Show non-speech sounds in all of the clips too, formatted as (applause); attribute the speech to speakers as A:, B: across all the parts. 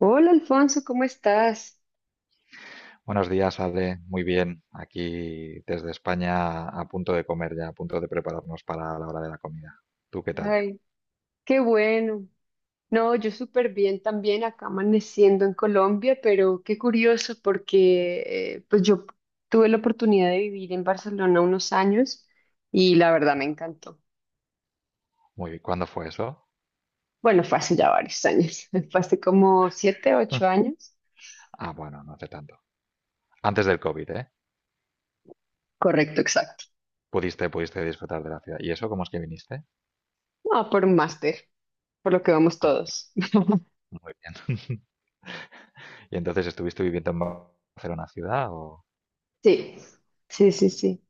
A: Hola Alfonso, ¿cómo estás?
B: Buenos días, Ale. Muy bien. Aquí desde España a punto de comer ya, a punto de prepararnos para la hora de la comida. ¿Tú qué tal?
A: Ay, qué bueno. No, yo súper bien también acá amaneciendo en Colombia, pero qué curioso porque pues yo tuve la oportunidad de vivir en Barcelona unos años y la verdad me encantó.
B: Muy bien. ¿Cuándo fue eso?
A: Bueno, fue hace ya varios años, (laughs) fue hace como 7, 8
B: (laughs)
A: años.
B: Ah, bueno, no hace tanto. Antes del COVID, ¿eh?
A: Correcto, exacto.
B: Pudiste disfrutar de la ciudad. ¿Y eso cómo es que viniste?
A: No, por un máster, por lo que vamos
B: Ah,
A: todos. (laughs)
B: muy bien. (laughs) ¿Y entonces estuviste viviendo en Barcelona ciudad o...?
A: Sí, sí, sí, sí.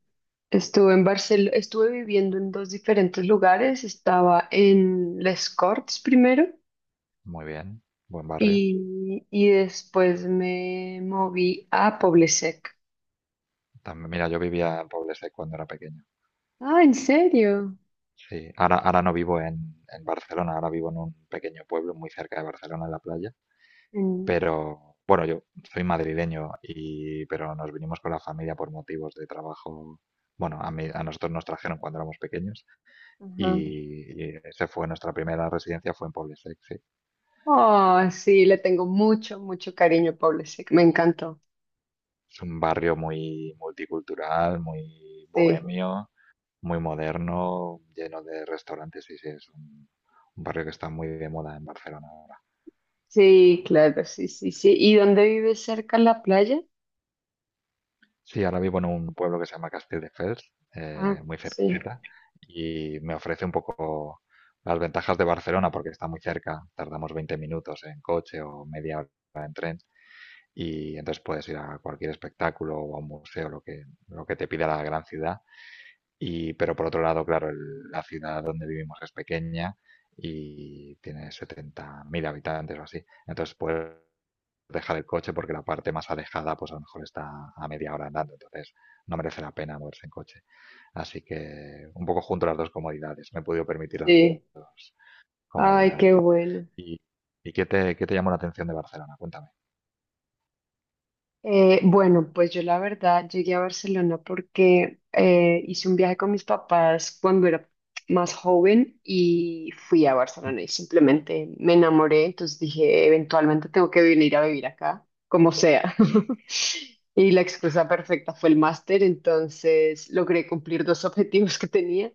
A: Estuve en Barcelona, estuve viviendo en dos diferentes lugares. Estaba en Les Corts primero
B: Muy bien. Buen barrio.
A: y después me moví a Poblesec.
B: También, mira, yo vivía en Poble cuando era pequeño.
A: Ah, ¿en serio?
B: Sí, ahora no vivo en Barcelona, ahora vivo en un pequeño pueblo muy cerca de Barcelona, en la playa.
A: En-
B: Pero bueno, yo soy madrileño y pero nos vinimos con la familia por motivos de trabajo. Bueno, a mí, a nosotros nos trajeron cuando éramos pequeños
A: ajá.
B: y esa fue nuestra primera residencia, fue en Poblesec, sí. Sí.
A: Oh, sí, le tengo mucho, mucho cariño a Poblesec. Me encantó.
B: Es un barrio muy multicultural, muy
A: Sí,
B: bohemio, muy moderno, lleno de restaurantes y sí, es un barrio que está muy de moda en Barcelona ahora.
A: sí, claro, sí, sí, sí. ¿Y dónde vives cerca a la playa?
B: Sí, ahora vivo en un pueblo que se llama Castelldefels,
A: Ah,
B: muy
A: sí,
B: cerquita, y me ofrece un poco las ventajas de Barcelona porque está muy cerca, tardamos 20 minutos en coche o media hora en tren, y entonces puedes ir a cualquier espectáculo o a un museo, lo que te pida la gran ciudad, y, pero por otro lado, claro, la ciudad donde vivimos es pequeña y tiene 70.000 habitantes o así. Entonces puedes dejar el coche porque la parte más alejada, pues a lo mejor está a media hora andando. Entonces no merece la pena moverse en coche. Así que un poco junto las dos comodidades. Me he podido permitir las
A: sí.
B: dos
A: Ay, qué
B: comodidades.
A: bueno.
B: ¿Y, y qué qué te llamó la atención de Barcelona? Cuéntame.
A: Bueno, pues yo la verdad llegué a Barcelona porque hice un viaje con mis papás cuando era más joven y fui a Barcelona y
B: (laughs)
A: simplemente me enamoré, entonces dije, eventualmente tengo que venir a vivir acá, como sea. (laughs) Y la excusa perfecta fue el máster, entonces logré cumplir dos objetivos que tenía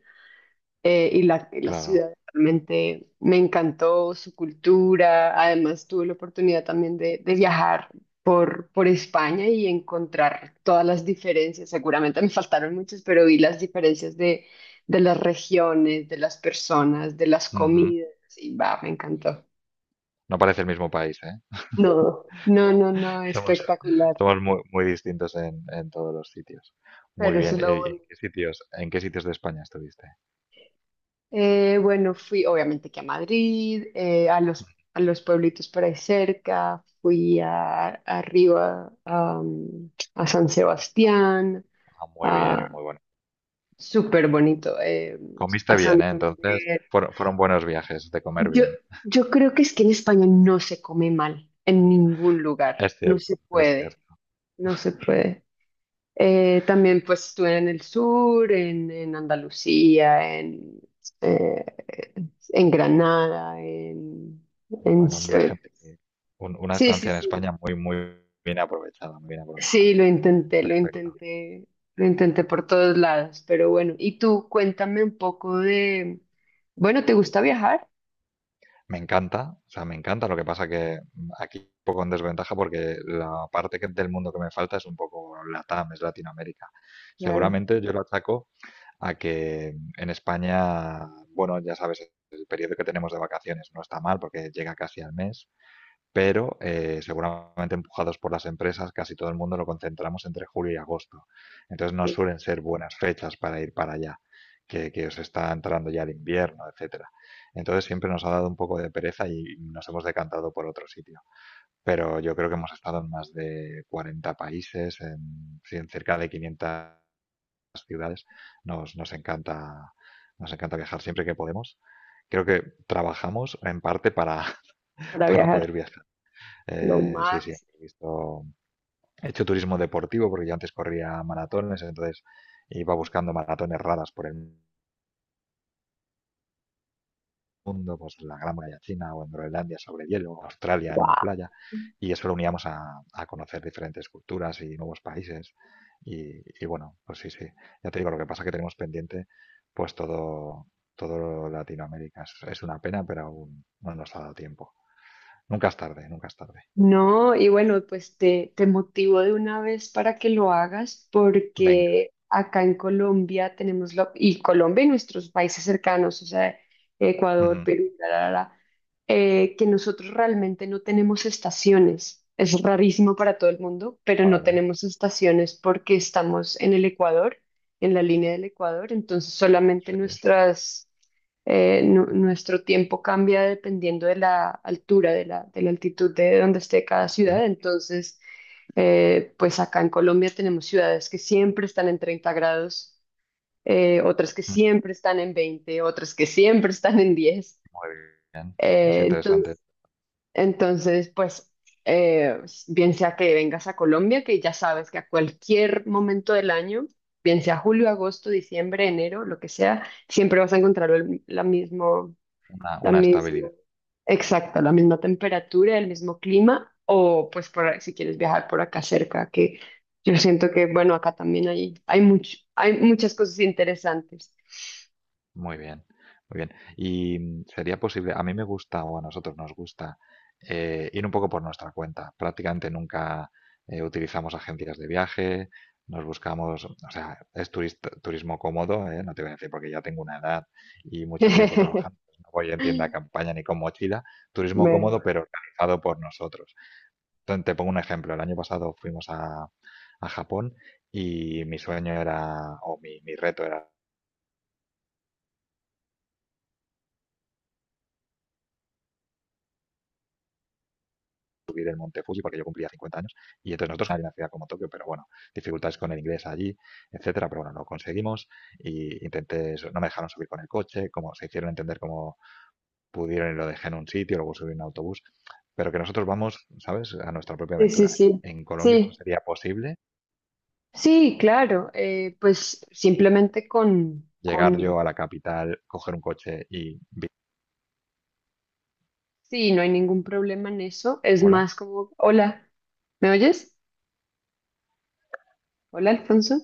A: y la
B: Claro.
A: ciudad realmente me encantó, su cultura. Además, tuve la oportunidad también de viajar por España y encontrar todas las diferencias. Seguramente me (laughs) faltaron muchas, pero vi las diferencias de las regiones, de las personas, de las
B: Ujú.
A: comidas. Y va, me encantó.
B: No parece el mismo país, ¿eh?
A: No, no, no, no,
B: Somos, (laughs)
A: espectacular.
B: somos muy distintos en todos los sitios. Muy
A: Pero eso
B: bien.
A: es lo bueno.
B: En qué sitios de España estuviste?
A: Bueno, fui obviamente que a Madrid, a los pueblitos por ahí cerca, fui a, arriba a, a San Sebastián,
B: Ah, muy bien,
A: a,
B: muy bueno.
A: súper bonito,
B: Comiste
A: a
B: bien, ¿eh? Entonces,
A: Santander.
B: fueron buenos viajes de comer
A: Yo,
B: bien.
A: yo creo que es que en España no se come mal, en ningún lugar,
B: Es
A: no se
B: cierto, es
A: puede,
B: cierto.
A: no se puede. También pues estuve en el sur, en Andalucía, eh, en Granada, en-
B: Bueno, un
A: eh,
B: viaje, muy- un- una
A: sí, sí,
B: estancia en
A: sí,
B: España muy bien aprovechada, muy bien aprovechada.
A: sí, lo intenté, lo
B: Perfecto.
A: intenté, lo intenté por todos lados, pero bueno, y tú cuéntame un poco de, bueno, ¿te gusta viajar?
B: Me encanta, o sea, me encanta. Lo que pasa que aquí un poco en desventaja porque la del mundo que me falta es un poco LATAM, es Latinoamérica.
A: Claro,
B: Seguramente yo lo achaco a que en España, bueno, ya sabes, el periodo que tenemos de vacaciones no está mal porque llega casi al mes, pero seguramente empujados por las empresas, casi todo el mundo lo concentramos entre julio y agosto. Entonces no suelen ser buenas fechas para ir para allá, que os está entrando ya el invierno, etcétera. Entonces siempre nos ha dado un poco de pereza y nos hemos decantado por otro sitio. Pero yo creo que hemos estado en más de 40 países, en, sí, en cerca de 500 las ciudades. Nos, nos encanta, nos encanta viajar siempre que podemos. Creo que trabajamos en parte para, (laughs)
A: para
B: para poder
A: viajar,
B: viajar.
A: lo
B: Sí, sí,
A: máximo.
B: he visto, he hecho turismo deportivo porque yo antes corría maratones, entonces iba buscando maratones raras por el mundo, pues la Gran Muralla China o en Groenlandia sobre hielo, o Australia en una playa, y eso lo uníamos a conocer diferentes culturas y nuevos países. Y bueno, pues sí, sí, ya te digo, lo que pasa es que tenemos pendiente pues todo, todo Latinoamérica. Es una pena, pero aún no nos ha dado tiempo. Nunca es tarde, nunca es tarde.
A: No, y bueno, pues te motivo de una vez para que lo hagas,
B: Venga.
A: porque acá en Colombia tenemos la, y Colombia y nuestros países cercanos, o sea, Ecuador,
B: Ujú.
A: Perú, la, que nosotros realmente no tenemos estaciones. Es rarísimo para todo el mundo, pero no
B: Vale,
A: tenemos estaciones porque estamos en el Ecuador, en la línea del Ecuador, entonces solamente
B: sí.
A: nuestras nuestro tiempo cambia dependiendo de la altura, de la altitud de donde esté cada
B: Ujú,
A: ciudad. Entonces, pues acá en Colombia tenemos ciudades que siempre están en 30 grados, otras que
B: ujú.
A: siempre están en 20, otras que siempre están en 10.
B: Muy bien. Es
A: Eh, enton-
B: interesante.
A: entonces, pues, eh, bien sea que vengas a Colombia, que ya sabes que a cualquier momento del año, bien sea julio, agosto, diciembre, enero, lo que sea, siempre vas a encontrar el, la misma, la
B: Una
A: misma,
B: estabilidad.
A: exacta, la misma temperatura, el mismo clima, o pues por, si quieres viajar por acá cerca, que yo siento que, bueno, acá también hay mucho, hay muchas cosas interesantes.
B: Muy bien, muy bien. Y sería posible, a mí me gusta o a nosotros nos gusta ir un poco por nuestra cuenta. Prácticamente nunca utilizamos agencias de viaje, nos buscamos, o sea, es turismo cómodo, ¿eh? No te voy a decir porque ya tengo una edad y mucho tiempo trabajando.
A: (laughs)
B: Pues no voy en tienda de campaña ni con mochila. Turismo cómodo,
A: Mejor.
B: pero organizado por nosotros. Entonces, te pongo un ejemplo. El año pasado fuimos a Japón y mi sueño era, o mi reto era subir el Monte Fuji porque yo cumplía 50 años y entonces nosotros en una ciudad como Tokio, pero bueno, dificultades con el inglés allí, etcétera, pero bueno, lo conseguimos y intenté, no me dejaron subir con el coche, como se hicieron entender cómo pudieron y lo dejé en un sitio, luego subí en un autobús, pero que nosotros vamos, ¿sabes?, a nuestra propia
A: Sí, sí,
B: aventura.
A: sí.
B: En Colombia eso
A: Sí,
B: sería posible,
A: sí, claro. Pues simplemente
B: llegar
A: con,
B: yo a la capital, coger un coche y,
A: sí, no hay ningún problema en eso. Es
B: hola,
A: más como, hola, ¿me oyes? Hola, Alfonso.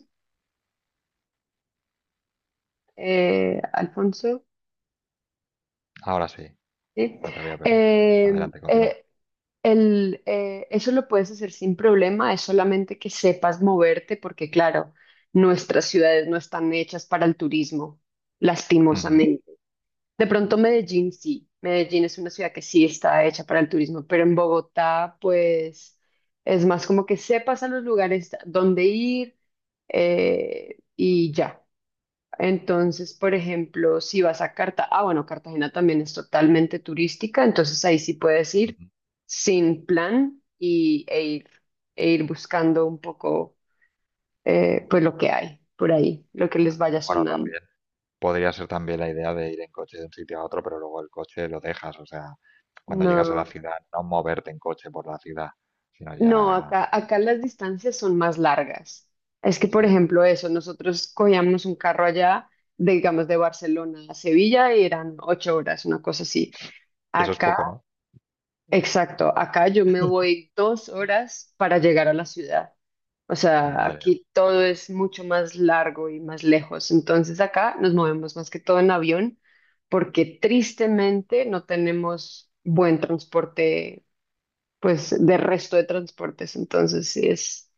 A: Alfonso,
B: ahora sí,
A: sí.
B: que te había perdido.
A: Eh,
B: Adelante, continúa.
A: eh, El, eso lo puedes hacer sin problema, es solamente que sepas moverte, porque claro, nuestras ciudades no están hechas para el turismo,
B: Ujú,
A: lastimosamente. De pronto Medellín sí, Medellín es una ciudad que sí está hecha para el turismo, pero en Bogotá pues es más como que sepas a los lugares donde ir, y ya. Entonces, por ejemplo, si vas a Cartagena, ah, bueno, Cartagena también es totalmente turística, entonces ahí sí puedes ir
B: ujú.
A: sin plan y, e ir buscando un poco, pues lo que hay por ahí, lo que les vaya
B: Bueno,
A: sonando.
B: también podría ser también la idea de ir en coche de un sitio a otro, pero luego el coche lo dejas, o sea, cuando llegas a la
A: No,
B: ciudad, no moverte en coche por la ciudad, sino
A: no,
B: ya,
A: acá, acá las distancias son más largas. Es que, por
B: sí, pues,
A: ejemplo, eso, nosotros cogíamos un carro allá, de, digamos, de Barcelona a Sevilla y eran 8 horas, una cosa así.
B: y eso es
A: Acá,
B: poco, ¿no?
A: exacto, acá yo me voy 2 horas para llegar a la ciudad. O sea,
B: Madre.
A: aquí todo es mucho más largo y más lejos. Entonces acá nos movemos más que todo en avión porque tristemente no tenemos buen transporte, pues de resto de transportes. Entonces sí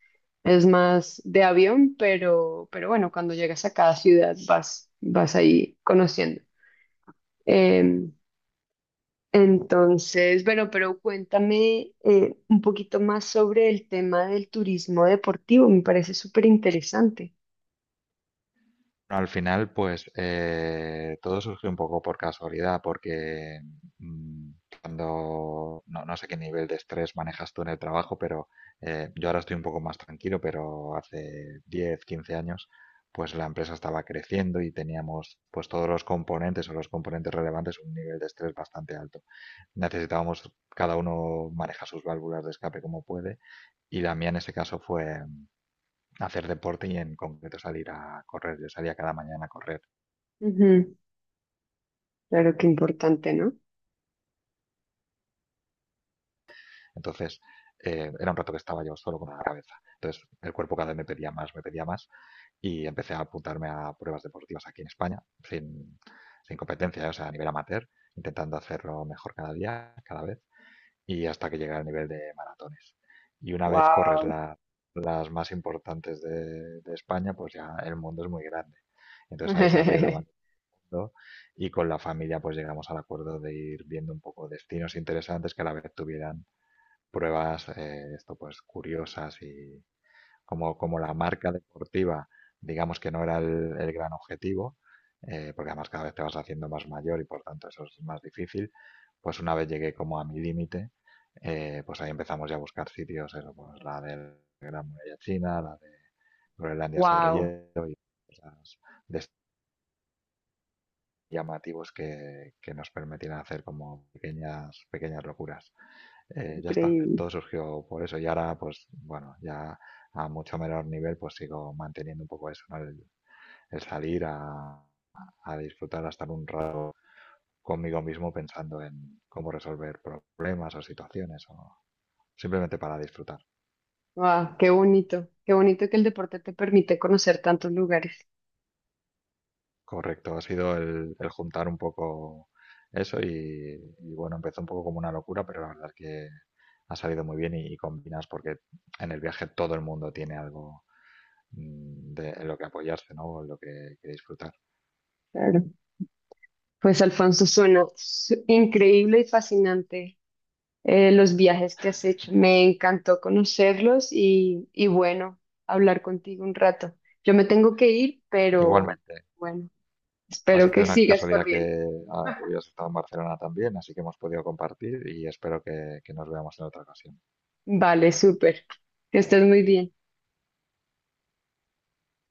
A: es más de avión, pero bueno, cuando llegas a cada ciudad vas, vas ahí conociendo. Em, entonces, bueno, pero cuéntame un poquito más sobre el tema del turismo deportivo. Me parece súper interesante.
B: Al final, pues todo surgió un poco por casualidad, porque mm, cuando no, no sé qué nivel de estrés manejas tú en el trabajo, pero yo ahora estoy un poco más tranquilo, pero hace 10, 15 años, pues la empresa estaba creciendo y teníamos pues todos los componentes o los componentes relevantes un nivel de estrés bastante alto. Necesitábamos, cada uno maneja sus válvulas de escape como puede, y la mía en ese caso fue hacer deporte y en concreto salir a correr. Yo salía cada mañana a correr.
A: Ujú. Claro que importante, ¿no?
B: Entonces, era un rato que estaba yo solo con la cabeza. Entonces, el cuerpo cada vez me pedía más, y empecé a apuntarme a pruebas deportivas aquí en España, sin competencia, ¿eh? O sea, a nivel amateur, intentando hacerlo mejor cada día, cada vez, y hasta que llegué al nivel de maratones. Y una vez corres
A: Wow.
B: las más importantes de España, pues ya el mundo es muy grande. Entonces ahí se abrió la bandera
A: (laughs)
B: mundo, y con la familia pues llegamos al acuerdo de ir viendo un poco destinos interesantes que a la vez tuvieran pruebas esto pues curiosas y como, como la marca deportiva, digamos que no era el gran objetivo, porque además cada vez te vas haciendo más mayor y por tanto eso es más difícil, pues una vez llegué como a mi límite, pues ahí empezamos ya a buscar sitios, eso, pues la de Gran Muralla China, la de Groenlandia sobre
A: Wow,
B: hielo y cosas de estos llamativos que nos permitieran hacer como pequeñas, pequeñas locuras ya está,
A: increíble.
B: todo surgió por eso. Y ahora, pues bueno, ya a mucho menor nivel, pues sigo manteniendo un poco eso, ¿no? El salir a disfrutar, a estar un rato conmigo mismo pensando en cómo resolver problemas o situaciones o simplemente para disfrutar.
A: Wow, qué bonito. Qué bonito que el deporte te permite conocer tantos lugares.
B: Correcto, ha sido el juntar un poco eso y, bueno, empezó un poco como una locura, pero la verdad es que ha salido muy bien y combinas porque en el viaje todo el mundo tiene algo en lo que apoyarse, ¿no? O en que disfrutar.
A: Claro. Pues Alfonso, suena su- increíble y fascinante, los viajes que has hecho. Me encantó conocerlos y bueno, hablar contigo un rato. Yo me tengo que ir, pero
B: Igualmente,
A: bueno,
B: ha
A: espero
B: sido
A: que
B: una
A: sigas
B: casualidad
A: corriendo.
B: que hubieras estado en Barcelona también, así que hemos podido compartir y espero que nos veamos en otra ocasión.
A: Vale, súper. Que estés muy bien.